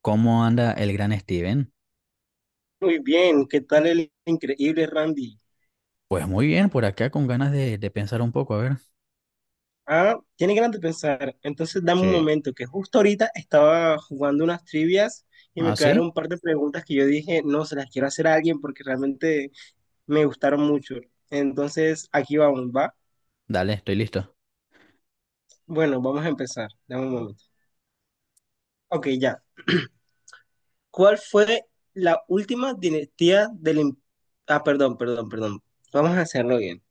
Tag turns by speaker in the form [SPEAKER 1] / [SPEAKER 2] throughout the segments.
[SPEAKER 1] ¿Cómo anda el gran Steven?
[SPEAKER 2] Muy bien, ¿qué tal el increíble Randy?
[SPEAKER 1] Pues muy bien, por acá con ganas de pensar un poco, a ver.
[SPEAKER 2] Ah, tiene ganas de pensar. Entonces dame un
[SPEAKER 1] Sí.
[SPEAKER 2] momento, que justo ahorita estaba jugando unas trivias y me
[SPEAKER 1] ¿Ah,
[SPEAKER 2] quedaron
[SPEAKER 1] sí?
[SPEAKER 2] un par de preguntas que yo dije, no, se las quiero hacer a alguien porque realmente me gustaron mucho. Entonces aquí vamos, ¿va?
[SPEAKER 1] Dale, estoy listo.
[SPEAKER 2] Bueno, vamos a empezar. Dame un momento. Ok, ya. ¿Cuál fue la última dinastía Ah, perdón, perdón, perdón. Vamos a hacerlo bien.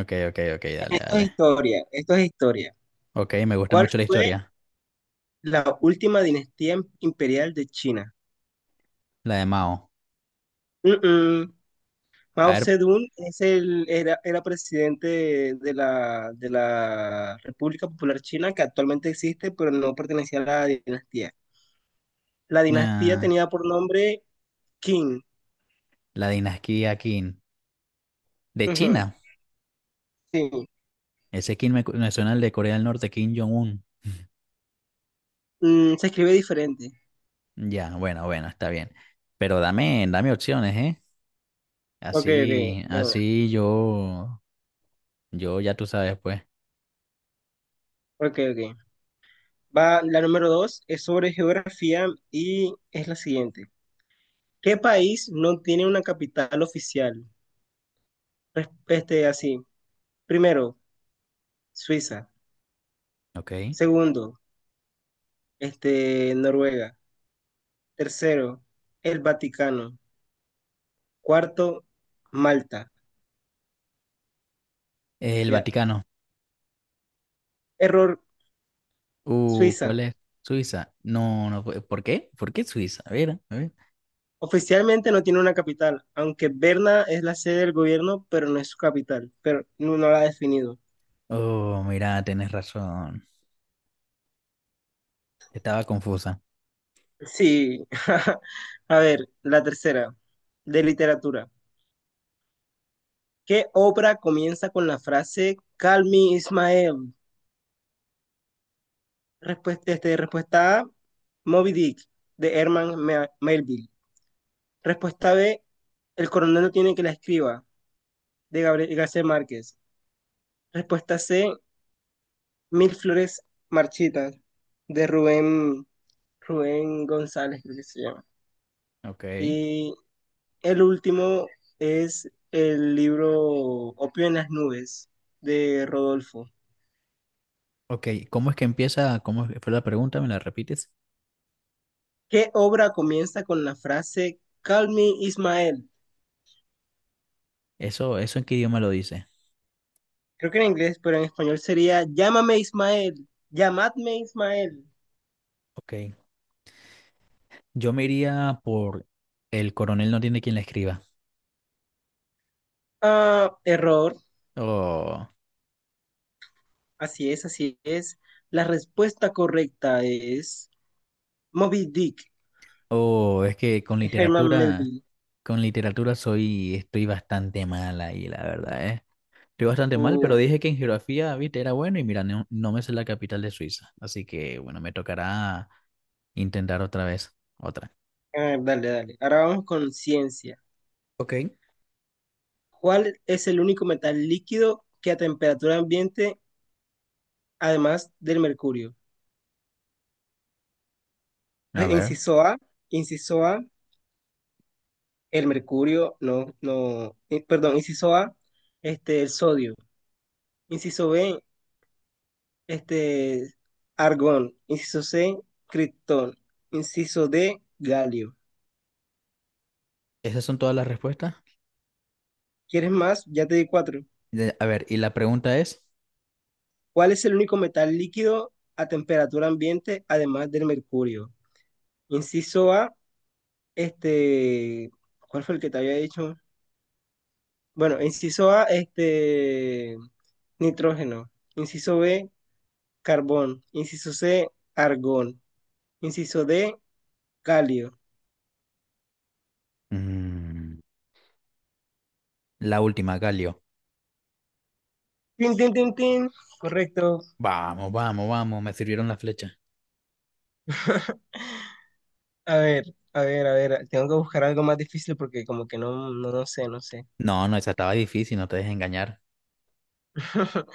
[SPEAKER 1] Ok, ok, ok, dale,
[SPEAKER 2] Esto es
[SPEAKER 1] dale.
[SPEAKER 2] historia, esto es historia.
[SPEAKER 1] Ok, me gusta
[SPEAKER 2] ¿Cuál
[SPEAKER 1] mucho la
[SPEAKER 2] fue
[SPEAKER 1] historia,
[SPEAKER 2] la última dinastía imperial de China?
[SPEAKER 1] la de Mao.
[SPEAKER 2] Mm, mm.
[SPEAKER 1] A
[SPEAKER 2] Mao
[SPEAKER 1] ver,
[SPEAKER 2] Zedong es el, era, era presidente de la República Popular China, que actualmente existe, pero no pertenecía a la dinastía. La dinastía
[SPEAKER 1] ah,
[SPEAKER 2] tenía por nombre Qing.
[SPEAKER 1] la dinastía Qin. De
[SPEAKER 2] Ujú,
[SPEAKER 1] China.
[SPEAKER 2] sí.
[SPEAKER 1] Ese Qin me suena al de Corea del Norte, Kim Jong-un.
[SPEAKER 2] Mm, se escribe diferente.
[SPEAKER 1] Ya, bueno, bueno, está bien. Pero dame opciones, ¿eh?
[SPEAKER 2] Ok, ok,
[SPEAKER 1] Así,
[SPEAKER 2] de una.
[SPEAKER 1] así yo ya tú sabes, pues.
[SPEAKER 2] Ok, ok. Va, la número dos es sobre geografía y es la siguiente. ¿Qué país no tiene una capital oficial? Este, así. Primero, Suiza.
[SPEAKER 1] Ok.
[SPEAKER 2] Segundo, este, Noruega. Tercero, el Vaticano. Cuarto, Malta.
[SPEAKER 1] El
[SPEAKER 2] Ya.
[SPEAKER 1] Vaticano.
[SPEAKER 2] Error, Suiza.
[SPEAKER 1] ¿Cuál es? Suiza. No, no fue. ¿Por qué? ¿Por qué Suiza? A ver, a ver.
[SPEAKER 2] Oficialmente no tiene una capital, aunque Berna es la sede del gobierno, pero no es su capital, pero no, no la ha definido.
[SPEAKER 1] Oh, mira, tenés razón. Estaba confusa.
[SPEAKER 2] Sí. A ver, la tercera, de literatura. ¿Qué obra comienza con la frase Call me Ismael? Respuesta, este, respuesta A, Moby Dick, de Herman Melville. Respuesta B, El coronel no tiene que la escriba, de Gabriel García Márquez. Respuesta C, Mil flores marchitas, de Rubén González, creo que se llama.
[SPEAKER 1] Ok.
[SPEAKER 2] Y el último es el libro Opio en las nubes, de Rodolfo.
[SPEAKER 1] Ok, ¿cómo es que empieza? ¿Cómo fue la pregunta? ¿Me la repites?
[SPEAKER 2] ¿Qué obra comienza con la frase Call me Ismael?
[SPEAKER 1] Eso en qué idioma lo dice.
[SPEAKER 2] Creo que en inglés, pero en español sería Llámame Ismael, llamadme Ismael.
[SPEAKER 1] Ok. Yo me iría por el coronel no tiene quien la escriba.
[SPEAKER 2] Ah, error.
[SPEAKER 1] Oh,
[SPEAKER 2] Así es, así es. La respuesta correcta es Moby Dick,
[SPEAKER 1] oh, es que
[SPEAKER 2] de Herman Melville.
[SPEAKER 1] con literatura soy, estoy bastante mala ahí, la verdad, ¿eh? Estoy bastante mal,
[SPEAKER 2] Uh,
[SPEAKER 1] pero dije que en geografía, viste, era bueno y mira, no, no me sé la capital de Suiza. Así que, bueno, me tocará intentar otra vez. Otra.
[SPEAKER 2] ah, dale, dale. Ahora vamos con ciencia.
[SPEAKER 1] Ok.
[SPEAKER 2] ¿Cuál es el único metal líquido que a temperatura ambiente, además del mercurio?
[SPEAKER 1] A ver,
[SPEAKER 2] Inciso A, inciso A, el mercurio, no, no, perdón, inciso A, este, el sodio. Inciso B, este, argón. Inciso C, criptón. Inciso D, galio.
[SPEAKER 1] esas son todas las respuestas.
[SPEAKER 2] ¿Quieres más? Ya te di cuatro.
[SPEAKER 1] A ver, y la pregunta es,
[SPEAKER 2] ¿Cuál es el único metal líquido a temperatura ambiente además del mercurio? Inciso A, este, ¿cuál fue el que te había dicho? Bueno, inciso A, este, nitrógeno. Inciso B, carbón. Inciso C, argón. Inciso D, calio.
[SPEAKER 1] mm, la última, Galio.
[SPEAKER 2] Tin, tin, tin, tin. Correcto.
[SPEAKER 1] Vamos, vamos, vamos, me sirvieron la flecha.
[SPEAKER 2] A ver, a ver, a ver, tengo que buscar algo más difícil porque como que no, no, no sé, no sé.
[SPEAKER 1] No, no, esa estaba difícil, no te dejes engañar.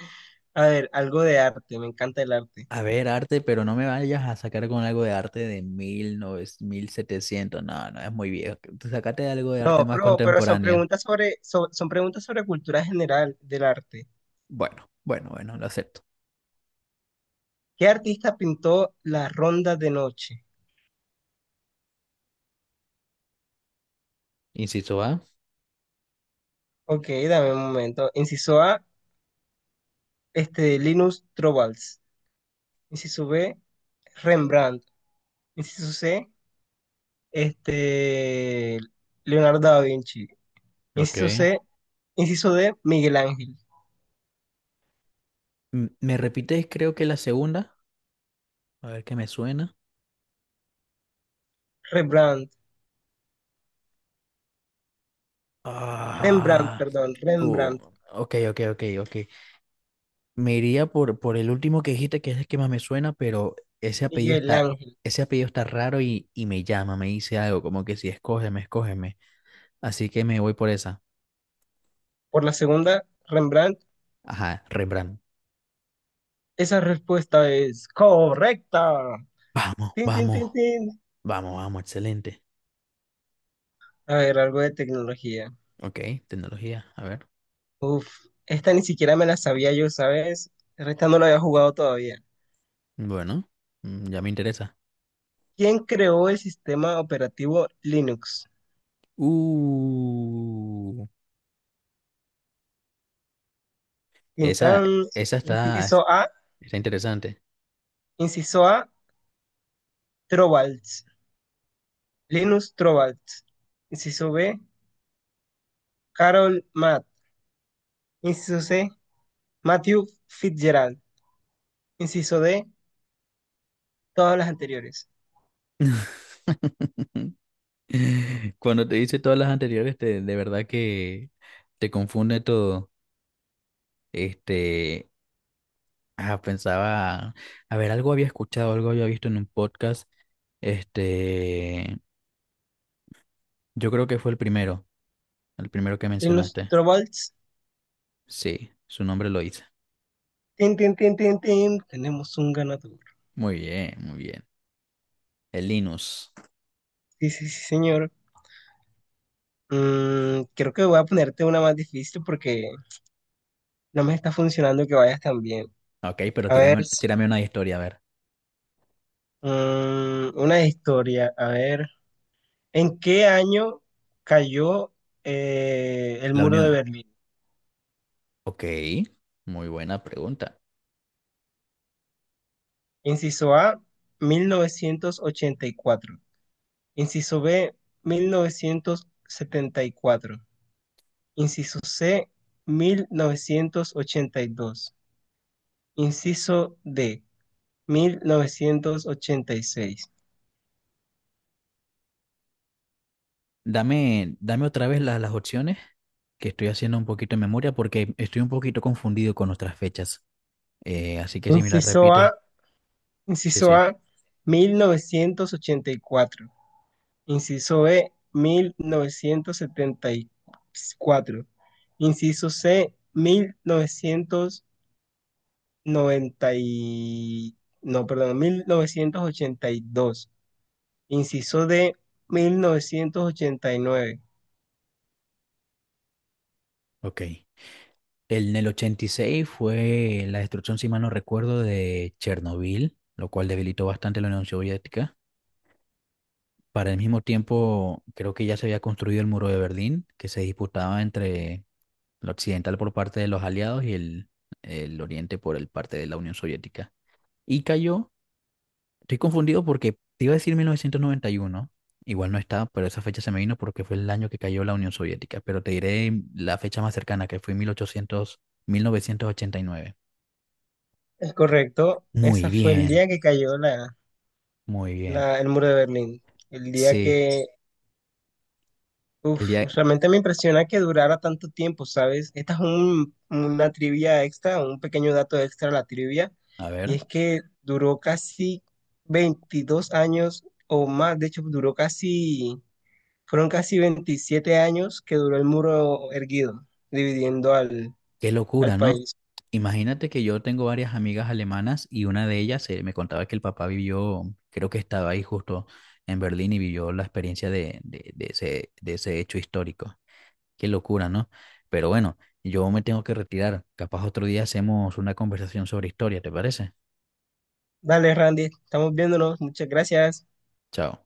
[SPEAKER 2] A ver, algo de arte, me encanta el arte.
[SPEAKER 1] A ver, arte, pero no me vayas a sacar con algo de arte de mil novecientos, mil setecientos. No, no, es muy viejo. Sácate algo de arte
[SPEAKER 2] No,
[SPEAKER 1] más
[SPEAKER 2] pero son
[SPEAKER 1] contemporánea.
[SPEAKER 2] preguntas sobre, son preguntas sobre cultura general del arte.
[SPEAKER 1] Bueno, bueno, bueno, lo acepto.
[SPEAKER 2] ¿Qué artista pintó la Ronda de Noche?
[SPEAKER 1] Inciso A.
[SPEAKER 2] Ok, dame un momento. Inciso A, este, Linus Torvalds. Inciso B, Rembrandt. Inciso C, este, Leonardo da Vinci. Inciso
[SPEAKER 1] Ok.
[SPEAKER 2] C, inciso D, Miguel Ángel.
[SPEAKER 1] ¿Me repites, creo que la segunda? A ver qué me suena.
[SPEAKER 2] Rembrandt, Rembrandt,
[SPEAKER 1] Ah.
[SPEAKER 2] perdón,
[SPEAKER 1] uh,
[SPEAKER 2] Rembrandt,
[SPEAKER 1] ok, ok, ok, ok. Me iría por el último que dijiste, que es el que más me suena, pero ese apellido
[SPEAKER 2] Miguel
[SPEAKER 1] está,
[SPEAKER 2] Ángel.
[SPEAKER 1] ese apellido está raro y me llama, me dice algo, como que si escógeme, escógeme. Así que me voy por esa.
[SPEAKER 2] Por la segunda, Rembrandt.
[SPEAKER 1] Ajá, Rembrandt.
[SPEAKER 2] Esa respuesta es correcta.
[SPEAKER 1] Vamos,
[SPEAKER 2] Tin, tin,
[SPEAKER 1] vamos,
[SPEAKER 2] tin, tin.
[SPEAKER 1] vamos, vamos, excelente.
[SPEAKER 2] A ver, algo de tecnología.
[SPEAKER 1] Ok, tecnología, a ver.
[SPEAKER 2] Uf, esta ni siquiera me la sabía yo, ¿sabes? Esta no la había jugado todavía.
[SPEAKER 1] Bueno, ya me interesa.
[SPEAKER 2] ¿Quién creó el sistema operativo Linux?
[SPEAKER 1] Uh.
[SPEAKER 2] Tin,
[SPEAKER 1] Esa,
[SPEAKER 2] tan.
[SPEAKER 1] esa está,
[SPEAKER 2] Inciso A,
[SPEAKER 1] está interesante.
[SPEAKER 2] inciso A, Trovalds. Linus Torvalds. Inciso B, Carol Matt. Inciso C, Matthew Fitzgerald. Inciso D, todas las anteriores.
[SPEAKER 1] Cuando te hice todas las anteriores, de verdad que te confunde todo. Este, ah, pensaba, a ver, algo había escuchado, algo había visto en un podcast. Este, yo creo que fue el primero que
[SPEAKER 2] Linus
[SPEAKER 1] mencionaste.
[SPEAKER 2] Torvalds.
[SPEAKER 1] Sí, su nombre lo hice.
[SPEAKER 2] Tin, tin, tin, tin, tin. Tenemos un ganador.
[SPEAKER 1] Muy bien, muy bien. El Linus.
[SPEAKER 2] Sí, sí, sí, señor. Mm, creo que voy a ponerte una más difícil porque no me está funcionando que vayas tan bien.
[SPEAKER 1] Ok, pero
[SPEAKER 2] A ver,
[SPEAKER 1] tírame, tírame una historia, a ver.
[SPEAKER 2] una historia. A ver, ¿en qué año cayó el
[SPEAKER 1] La
[SPEAKER 2] muro de
[SPEAKER 1] unión.
[SPEAKER 2] Berlín?
[SPEAKER 1] Ok, muy buena pregunta.
[SPEAKER 2] Inciso A, 1984. Inciso B, 1974. Inciso C, 1982. Inciso D, 1986.
[SPEAKER 1] Dame otra vez las opciones, que estoy haciendo un poquito de memoria porque estoy un poquito confundido con nuestras fechas. Así que si me las
[SPEAKER 2] Inciso
[SPEAKER 1] repites,
[SPEAKER 2] A,
[SPEAKER 1] sí,
[SPEAKER 2] inciso
[SPEAKER 1] sí,
[SPEAKER 2] A, mil novecientos ochenta y cuatro. Inciso B, mil novecientos setenta y cuatro. Inciso C, 1990 y- no, perdón, 1982. Inciso D, 1989.
[SPEAKER 1] ok. En el 86 fue la destrucción, si mal no recuerdo, de Chernobyl, lo cual debilitó bastante la Unión Soviética. Para el mismo tiempo, creo que ya se había construido el muro de Berlín, que se disputaba entre lo occidental por parte de los aliados y el oriente por el parte de la Unión Soviética. Y cayó. Estoy confundido porque te iba a decir 1991, igual no está, pero esa fecha se me vino porque fue el año que cayó la Unión Soviética, pero te diré la fecha más cercana, que fue 1800, 1989.
[SPEAKER 2] Es correcto.
[SPEAKER 1] Muy
[SPEAKER 2] Esa fue el
[SPEAKER 1] bien,
[SPEAKER 2] día que cayó
[SPEAKER 1] muy bien.
[SPEAKER 2] el muro de Berlín. El día
[SPEAKER 1] Sí,
[SPEAKER 2] que...
[SPEAKER 1] el
[SPEAKER 2] Uf,
[SPEAKER 1] día...
[SPEAKER 2] realmente me impresiona que durara tanto tiempo, ¿sabes? Esta es una trivia extra, un pequeño dato extra a la trivia,
[SPEAKER 1] A
[SPEAKER 2] y
[SPEAKER 1] ver,
[SPEAKER 2] es que duró casi 22 años o más, de hecho duró casi, fueron casi 27 años que duró el muro erguido, dividiendo al,
[SPEAKER 1] qué
[SPEAKER 2] al
[SPEAKER 1] locura, ¿no?
[SPEAKER 2] país.
[SPEAKER 1] Imagínate que yo tengo varias amigas alemanas y una de ellas me contaba que el papá vivió, creo que estaba ahí justo en Berlín y vivió la experiencia de ese hecho histórico. Qué locura, ¿no? Pero bueno, yo me tengo que retirar. Capaz otro día hacemos una conversación sobre historia, ¿te parece?
[SPEAKER 2] Dale, Randy, estamos viéndonos, muchas gracias.
[SPEAKER 1] Chao.